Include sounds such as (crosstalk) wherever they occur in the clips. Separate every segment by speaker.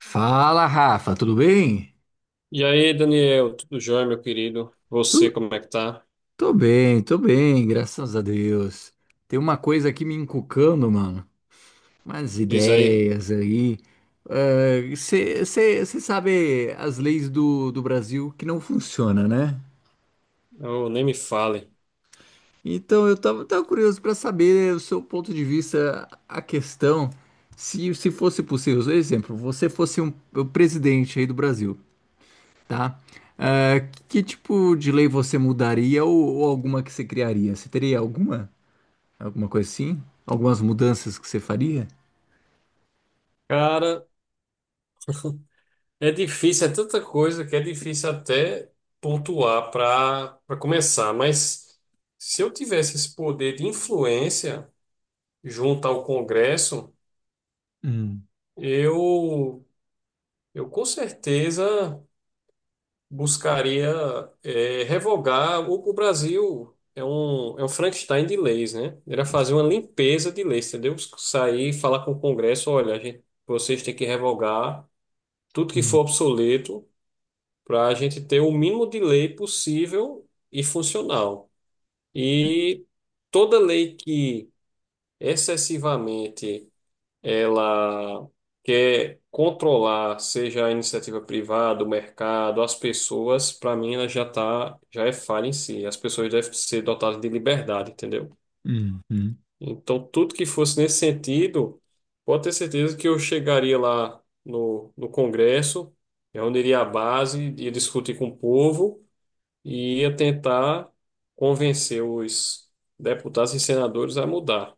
Speaker 1: Fala, Rafa, tudo bem?
Speaker 2: E aí, Daniel, tudo jóia, meu querido? Você,
Speaker 1: Tu,
Speaker 2: como é que tá?
Speaker 1: tô bem, graças a Deus. Tem uma coisa aqui me encucando, mano. Umas
Speaker 2: Diz aí.
Speaker 1: ideias aí. Você sabe as leis do Brasil que não funcionam, né?
Speaker 2: Oh, nem me fale.
Speaker 1: Então eu tava curioso para saber o seu ponto de vista, a questão, se fosse possível. Por exemplo, você fosse um, o presidente aí do Brasil. Tá? Ah, que tipo de lei você mudaria ou alguma que você criaria? Você teria alguma? Alguma coisa assim? Algumas mudanças que você faria?
Speaker 2: Cara, é difícil, é tanta coisa que é difícil até pontuar para começar, mas se eu tivesse esse poder de influência junto ao Congresso,
Speaker 1: Hum,
Speaker 2: eu eu com certeza buscaria, revogar o... O Brasil é um Frankenstein de leis, né? Era fazer
Speaker 1: s-
Speaker 2: uma limpeza de leis, entendeu? Sair, e falar com o Congresso, olha, a gente, vocês têm que revogar tudo que for
Speaker 1: hum,
Speaker 2: obsoleto para a gente ter o mínimo de lei possível e funcional. E toda lei que excessivamente ela quer controlar, seja a iniciativa privada, o mercado, as pessoas, para mim ela já tá, já é falha em si. As pessoas devem ser dotadas de liberdade, entendeu?
Speaker 1: uhum.
Speaker 2: Então, tudo que fosse nesse sentido, pode ter certeza que eu chegaria lá no Congresso, reuniria a base, ia discutir com o povo e ia tentar convencer os deputados e senadores a mudar.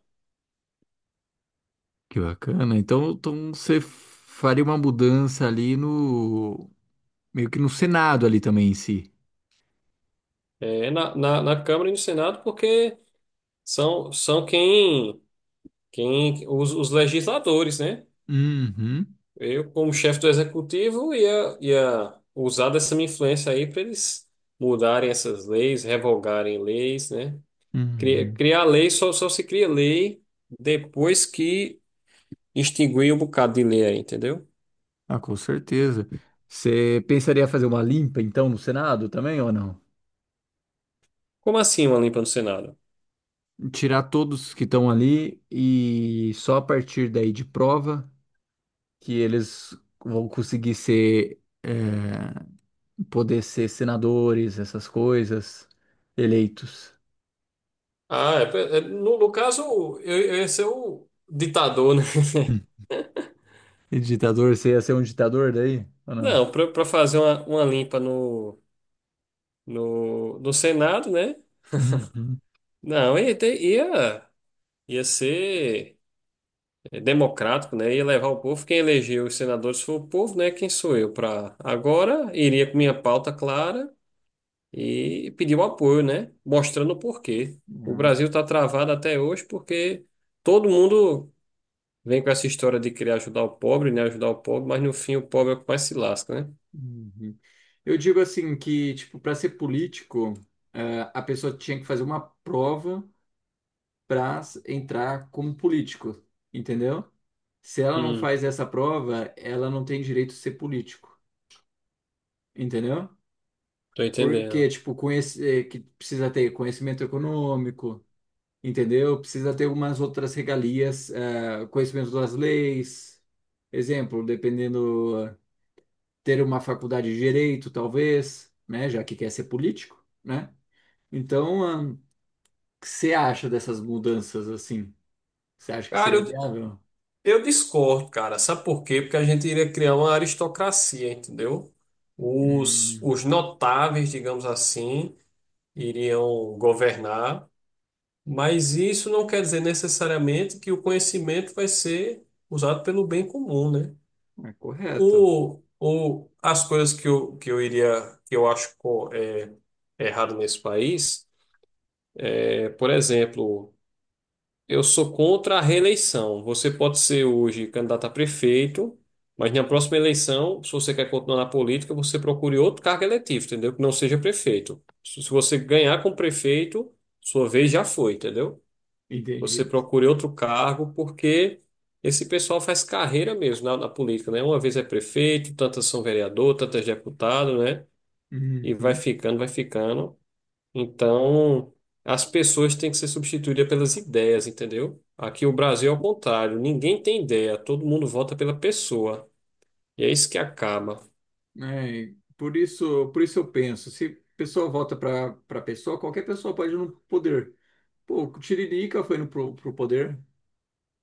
Speaker 1: Que bacana. Então você faria uma mudança ali no. Meio que no Senado ali também em si.
Speaker 2: É, na Câmara e no Senado, porque são, são quem, quem os legisladores, né?
Speaker 1: Uhum,
Speaker 2: Eu, como chefe do executivo, ia usar dessa minha influência aí para eles mudarem essas leis, revogarem leis, né?
Speaker 1: uhum.
Speaker 2: Criar, lei só, só se cria lei depois que extinguir um bocado de lei aí, entendeu?
Speaker 1: Ah, com certeza. Você pensaria fazer uma limpa então no Senado também ou não?
Speaker 2: Como assim uma limpa no Senado?
Speaker 1: Tirar todos que estão ali e só a partir daí de prova que eles vão conseguir ser, é, poder ser senadores, essas coisas, eleitos.
Speaker 2: Ah, é, é, no, no caso, eu ia ser o ditador, né? (laughs)
Speaker 1: Hum. E ditador, você ia ser um ditador daí? Ou não?
Speaker 2: Não, para fazer uma limpa no, no Senado, né?
Speaker 1: Uhum.
Speaker 2: Não, ia ser, democrático, né? Ia levar o povo. Quem elegeu os senadores foi o povo, né? Quem sou eu para agora? Iria com minha pauta clara e pedir o apoio, né? Mostrando o porquê. O
Speaker 1: Ah,
Speaker 2: Brasil está travado até hoje porque todo mundo vem com essa história de querer ajudar o pobre, né? Ajudar o pobre, mas no fim o pobre é o que mais se lasca, né?
Speaker 1: uhum. Eu digo assim que, tipo, para ser político, a pessoa tinha que fazer uma prova para entrar como político, entendeu? Se ela não
Speaker 2: Hum,
Speaker 1: faz essa prova, ela não tem direito de ser político, entendeu?
Speaker 2: tô entendendo.
Speaker 1: Porque, tipo, conhece, que precisa ter conhecimento econômico, entendeu? Precisa ter algumas outras regalias, conhecimento das leis, exemplo, dependendo, ter uma faculdade de direito, talvez, né? Já que quer ser político, né? Então, o que você acha dessas mudanças assim? Você acha que
Speaker 2: Cara,
Speaker 1: seria viável?
Speaker 2: eu discordo, cara. Sabe por quê? Porque a gente iria criar uma aristocracia, entendeu?
Speaker 1: Hum.
Speaker 2: Os notáveis, digamos assim, iriam governar, mas isso não quer dizer necessariamente que o conhecimento vai ser usado pelo bem comum, né?
Speaker 1: É correto.
Speaker 2: O, as coisas que eu, que eu acho, errado nesse país, é, por exemplo. Eu sou contra a reeleição. Você pode ser hoje candidato a prefeito, mas na próxima eleição, se você quer continuar na política, você procure outro cargo eletivo, entendeu? Que não seja prefeito. Se você ganhar como prefeito, sua vez já foi, entendeu?
Speaker 1: Entendi.
Speaker 2: Você procure outro cargo, porque esse pessoal faz carreira mesmo na política, né? Uma vez é prefeito, tantas são vereador, tantas deputado, né? E vai
Speaker 1: Uhum.
Speaker 2: ficando, vai ficando. Então, as pessoas têm que ser substituídas pelas ideias, entendeu? Aqui o Brasil é o contrário, ninguém tem ideia, todo mundo vota pela pessoa. E é isso que acaba.
Speaker 1: É, por isso eu penso, se a pessoa volta para pessoa, qualquer pessoa pode ir no poder. Pô, o Tiririca foi no, pro, pro poder,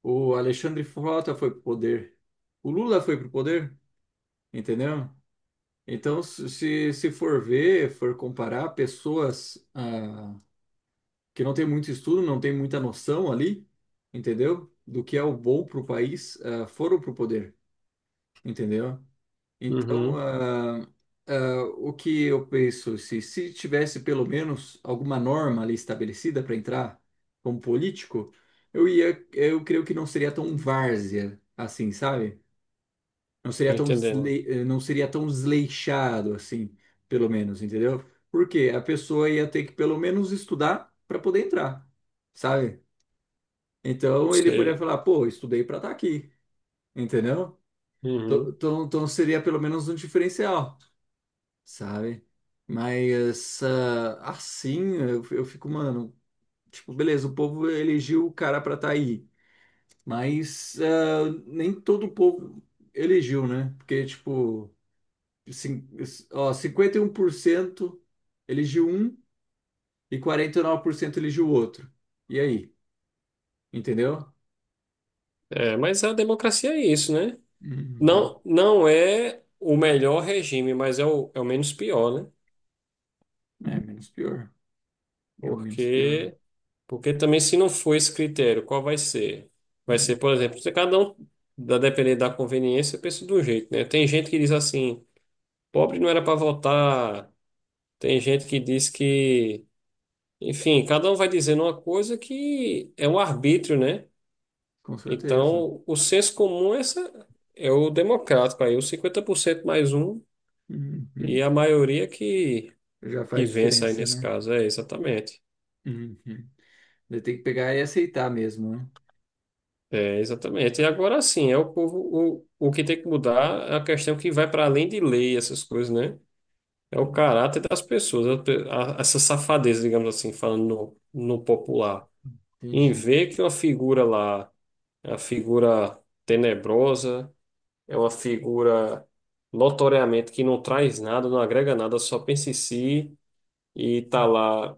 Speaker 1: o Alexandre Frota foi pro poder, o Lula foi pro poder, entendeu? Então, se for ver, for comparar pessoas que não tem muito estudo, não tem muita noção ali, entendeu? Do que é o bom pro país, foram pro poder, entendeu?
Speaker 2: Uhum,
Speaker 1: O que eu penso, se tivesse pelo menos alguma norma ali estabelecida para entrar como político, eu creio que não seria tão várzea assim, sabe? Não
Speaker 2: tô
Speaker 1: seria tão,
Speaker 2: entendendo.
Speaker 1: não seria tão desleixado assim, pelo menos, entendeu? Porque a pessoa ia ter que pelo menos estudar para poder entrar, sabe? Então ele poderia
Speaker 2: Sei.
Speaker 1: falar, pô, estudei para estar aqui, entendeu? Então
Speaker 2: Uhum.
Speaker 1: então então seria pelo menos um diferencial. Sabe? Mas assim, eu fico, mano, tipo, beleza, o povo elegeu o cara pra tá aí, mas nem todo o povo elegeu, né? Porque, tipo, cin- ó, 51% elegiu um e 49% elegiu o outro. E aí, entendeu?
Speaker 2: É, mas a democracia é isso, né?
Speaker 1: Uhum.
Speaker 2: Não, não é o melhor regime, mas é o, é o menos pior, né?
Speaker 1: É menos pior, é o menos pior.
Speaker 2: Porque, porque também se não for esse critério, qual vai ser? Vai
Speaker 1: Hum,
Speaker 2: ser, por exemplo, se cada um, da depender da conveniência, pensa de um jeito, né? Tem gente que diz assim, pobre não era para votar. Tem gente que diz que, enfim, cada um vai dizendo uma coisa que é um arbítrio, né?
Speaker 1: com certeza.
Speaker 2: Então, o senso comum é, essa, é o democrático aí, os 50% mais um,
Speaker 1: Uhum.
Speaker 2: e a maioria
Speaker 1: Já
Speaker 2: que
Speaker 1: faz
Speaker 2: vence aí
Speaker 1: diferença,
Speaker 2: nesse
Speaker 1: né?
Speaker 2: caso, é exatamente.
Speaker 1: Uhum. Daí tem que pegar e aceitar mesmo, né?
Speaker 2: É, exatamente. E agora sim, é o povo, o que tem que mudar é a questão que vai para além de lei, essas coisas, né? É o caráter das pessoas, essa safadeza, digamos assim, falando no popular. Em
Speaker 1: Entendi.
Speaker 2: ver que uma figura lá é uma figura tenebrosa, é uma figura notoriamente que não traz nada, não agrega nada, só pensa em si e tá lá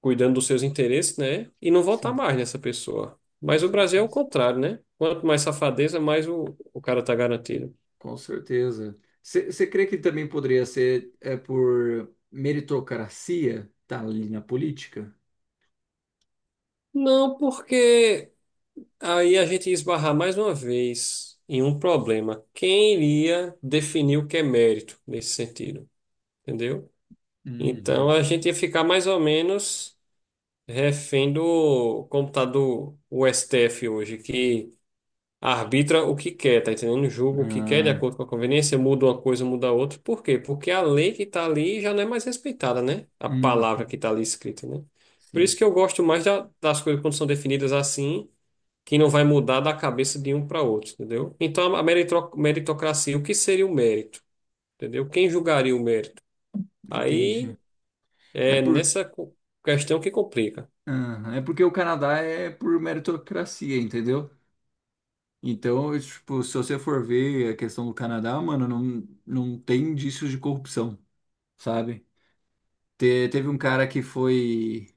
Speaker 2: cuidando dos seus interesses, né? E não votar
Speaker 1: Sim,
Speaker 2: mais nessa pessoa.
Speaker 1: com
Speaker 2: Mas o Brasil é o
Speaker 1: certeza.
Speaker 2: contrário, né? Quanto mais safadeza, mais o cara tá garantido.
Speaker 1: Com certeza. Você crê que também poderia ser, é, por meritocracia tá ali na política?
Speaker 2: Não, porque aí a gente ia esbarrar mais uma vez em um problema. Quem iria definir o que é mérito nesse sentido? Entendeu? Então
Speaker 1: Uhum.
Speaker 2: a gente ia ficar mais ou menos refém do computador, o STF hoje, que arbitra o que quer, tá entendendo? Julga o que quer de
Speaker 1: Ah,
Speaker 2: acordo com a conveniência, muda uma coisa, muda outra. Por quê? Porque a lei que tá ali já não é mais respeitada, né? A
Speaker 1: hum,
Speaker 2: palavra que tá ali escrita, né? Por isso
Speaker 1: sim,
Speaker 2: que eu gosto mais das coisas quando são definidas assim, que não vai mudar da cabeça de um para outro, entendeu? Então a meritocracia, o que seria o mérito? Entendeu? Quem julgaria o mérito? Aí
Speaker 1: entendi. É
Speaker 2: é
Speaker 1: por,
Speaker 2: nessa questão que complica.
Speaker 1: é porque o Canadá é por meritocracia, entendeu? Então, tipo, se você for ver a questão do Canadá, mano, não tem indícios de corrupção, sabe? Teve um cara que foi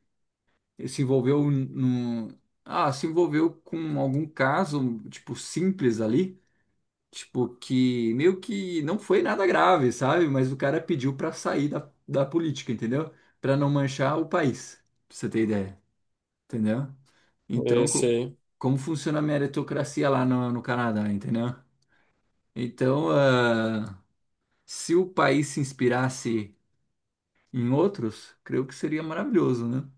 Speaker 1: se envolveu no, se envolveu com algum caso, tipo, simples ali, tipo, que meio que não foi nada grave, sabe? Mas o cara pediu pra sair da política, entendeu? Pra não manchar o país, pra você ter ideia, entendeu?
Speaker 2: É,
Speaker 1: Então,
Speaker 2: sim,
Speaker 1: como funciona a meritocracia lá no Canadá, entendeu? Então, se o país se inspirasse em outros, creio que seria maravilhoso, né?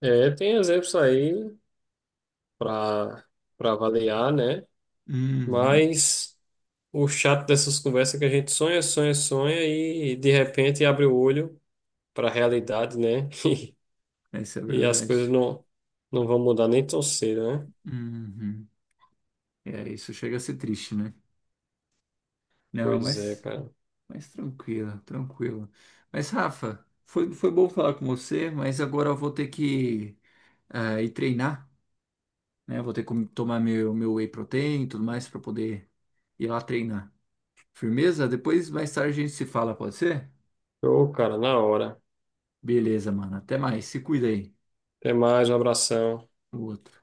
Speaker 2: é, tem exemplos aí para avaliar, né?
Speaker 1: Uhum,
Speaker 2: Mas o chato dessas conversas é que a gente sonha, sonha, sonha e de repente abre o olho para a realidade, né? (laughs)
Speaker 1: essa é a
Speaker 2: E as coisas
Speaker 1: verdade.
Speaker 2: não, não vão mudar nem tão cedo, né?
Speaker 1: Uhum. É, isso chega a ser triste, né? Não,
Speaker 2: Pois é, cara.
Speaker 1: mas tranquilo, tranquilo. Mas, Rafa, foi bom falar com você, mas agora eu vou ter que ir treinar, né? Vou ter que tomar meu whey protein e tudo mais para poder ir lá treinar. Firmeza? Depois, mais tarde, a gente se fala, pode ser?
Speaker 2: Ô, cara, na hora.
Speaker 1: Beleza, mano. Até mais. Se cuida aí.
Speaker 2: Até mais, um abração.
Speaker 1: O outro.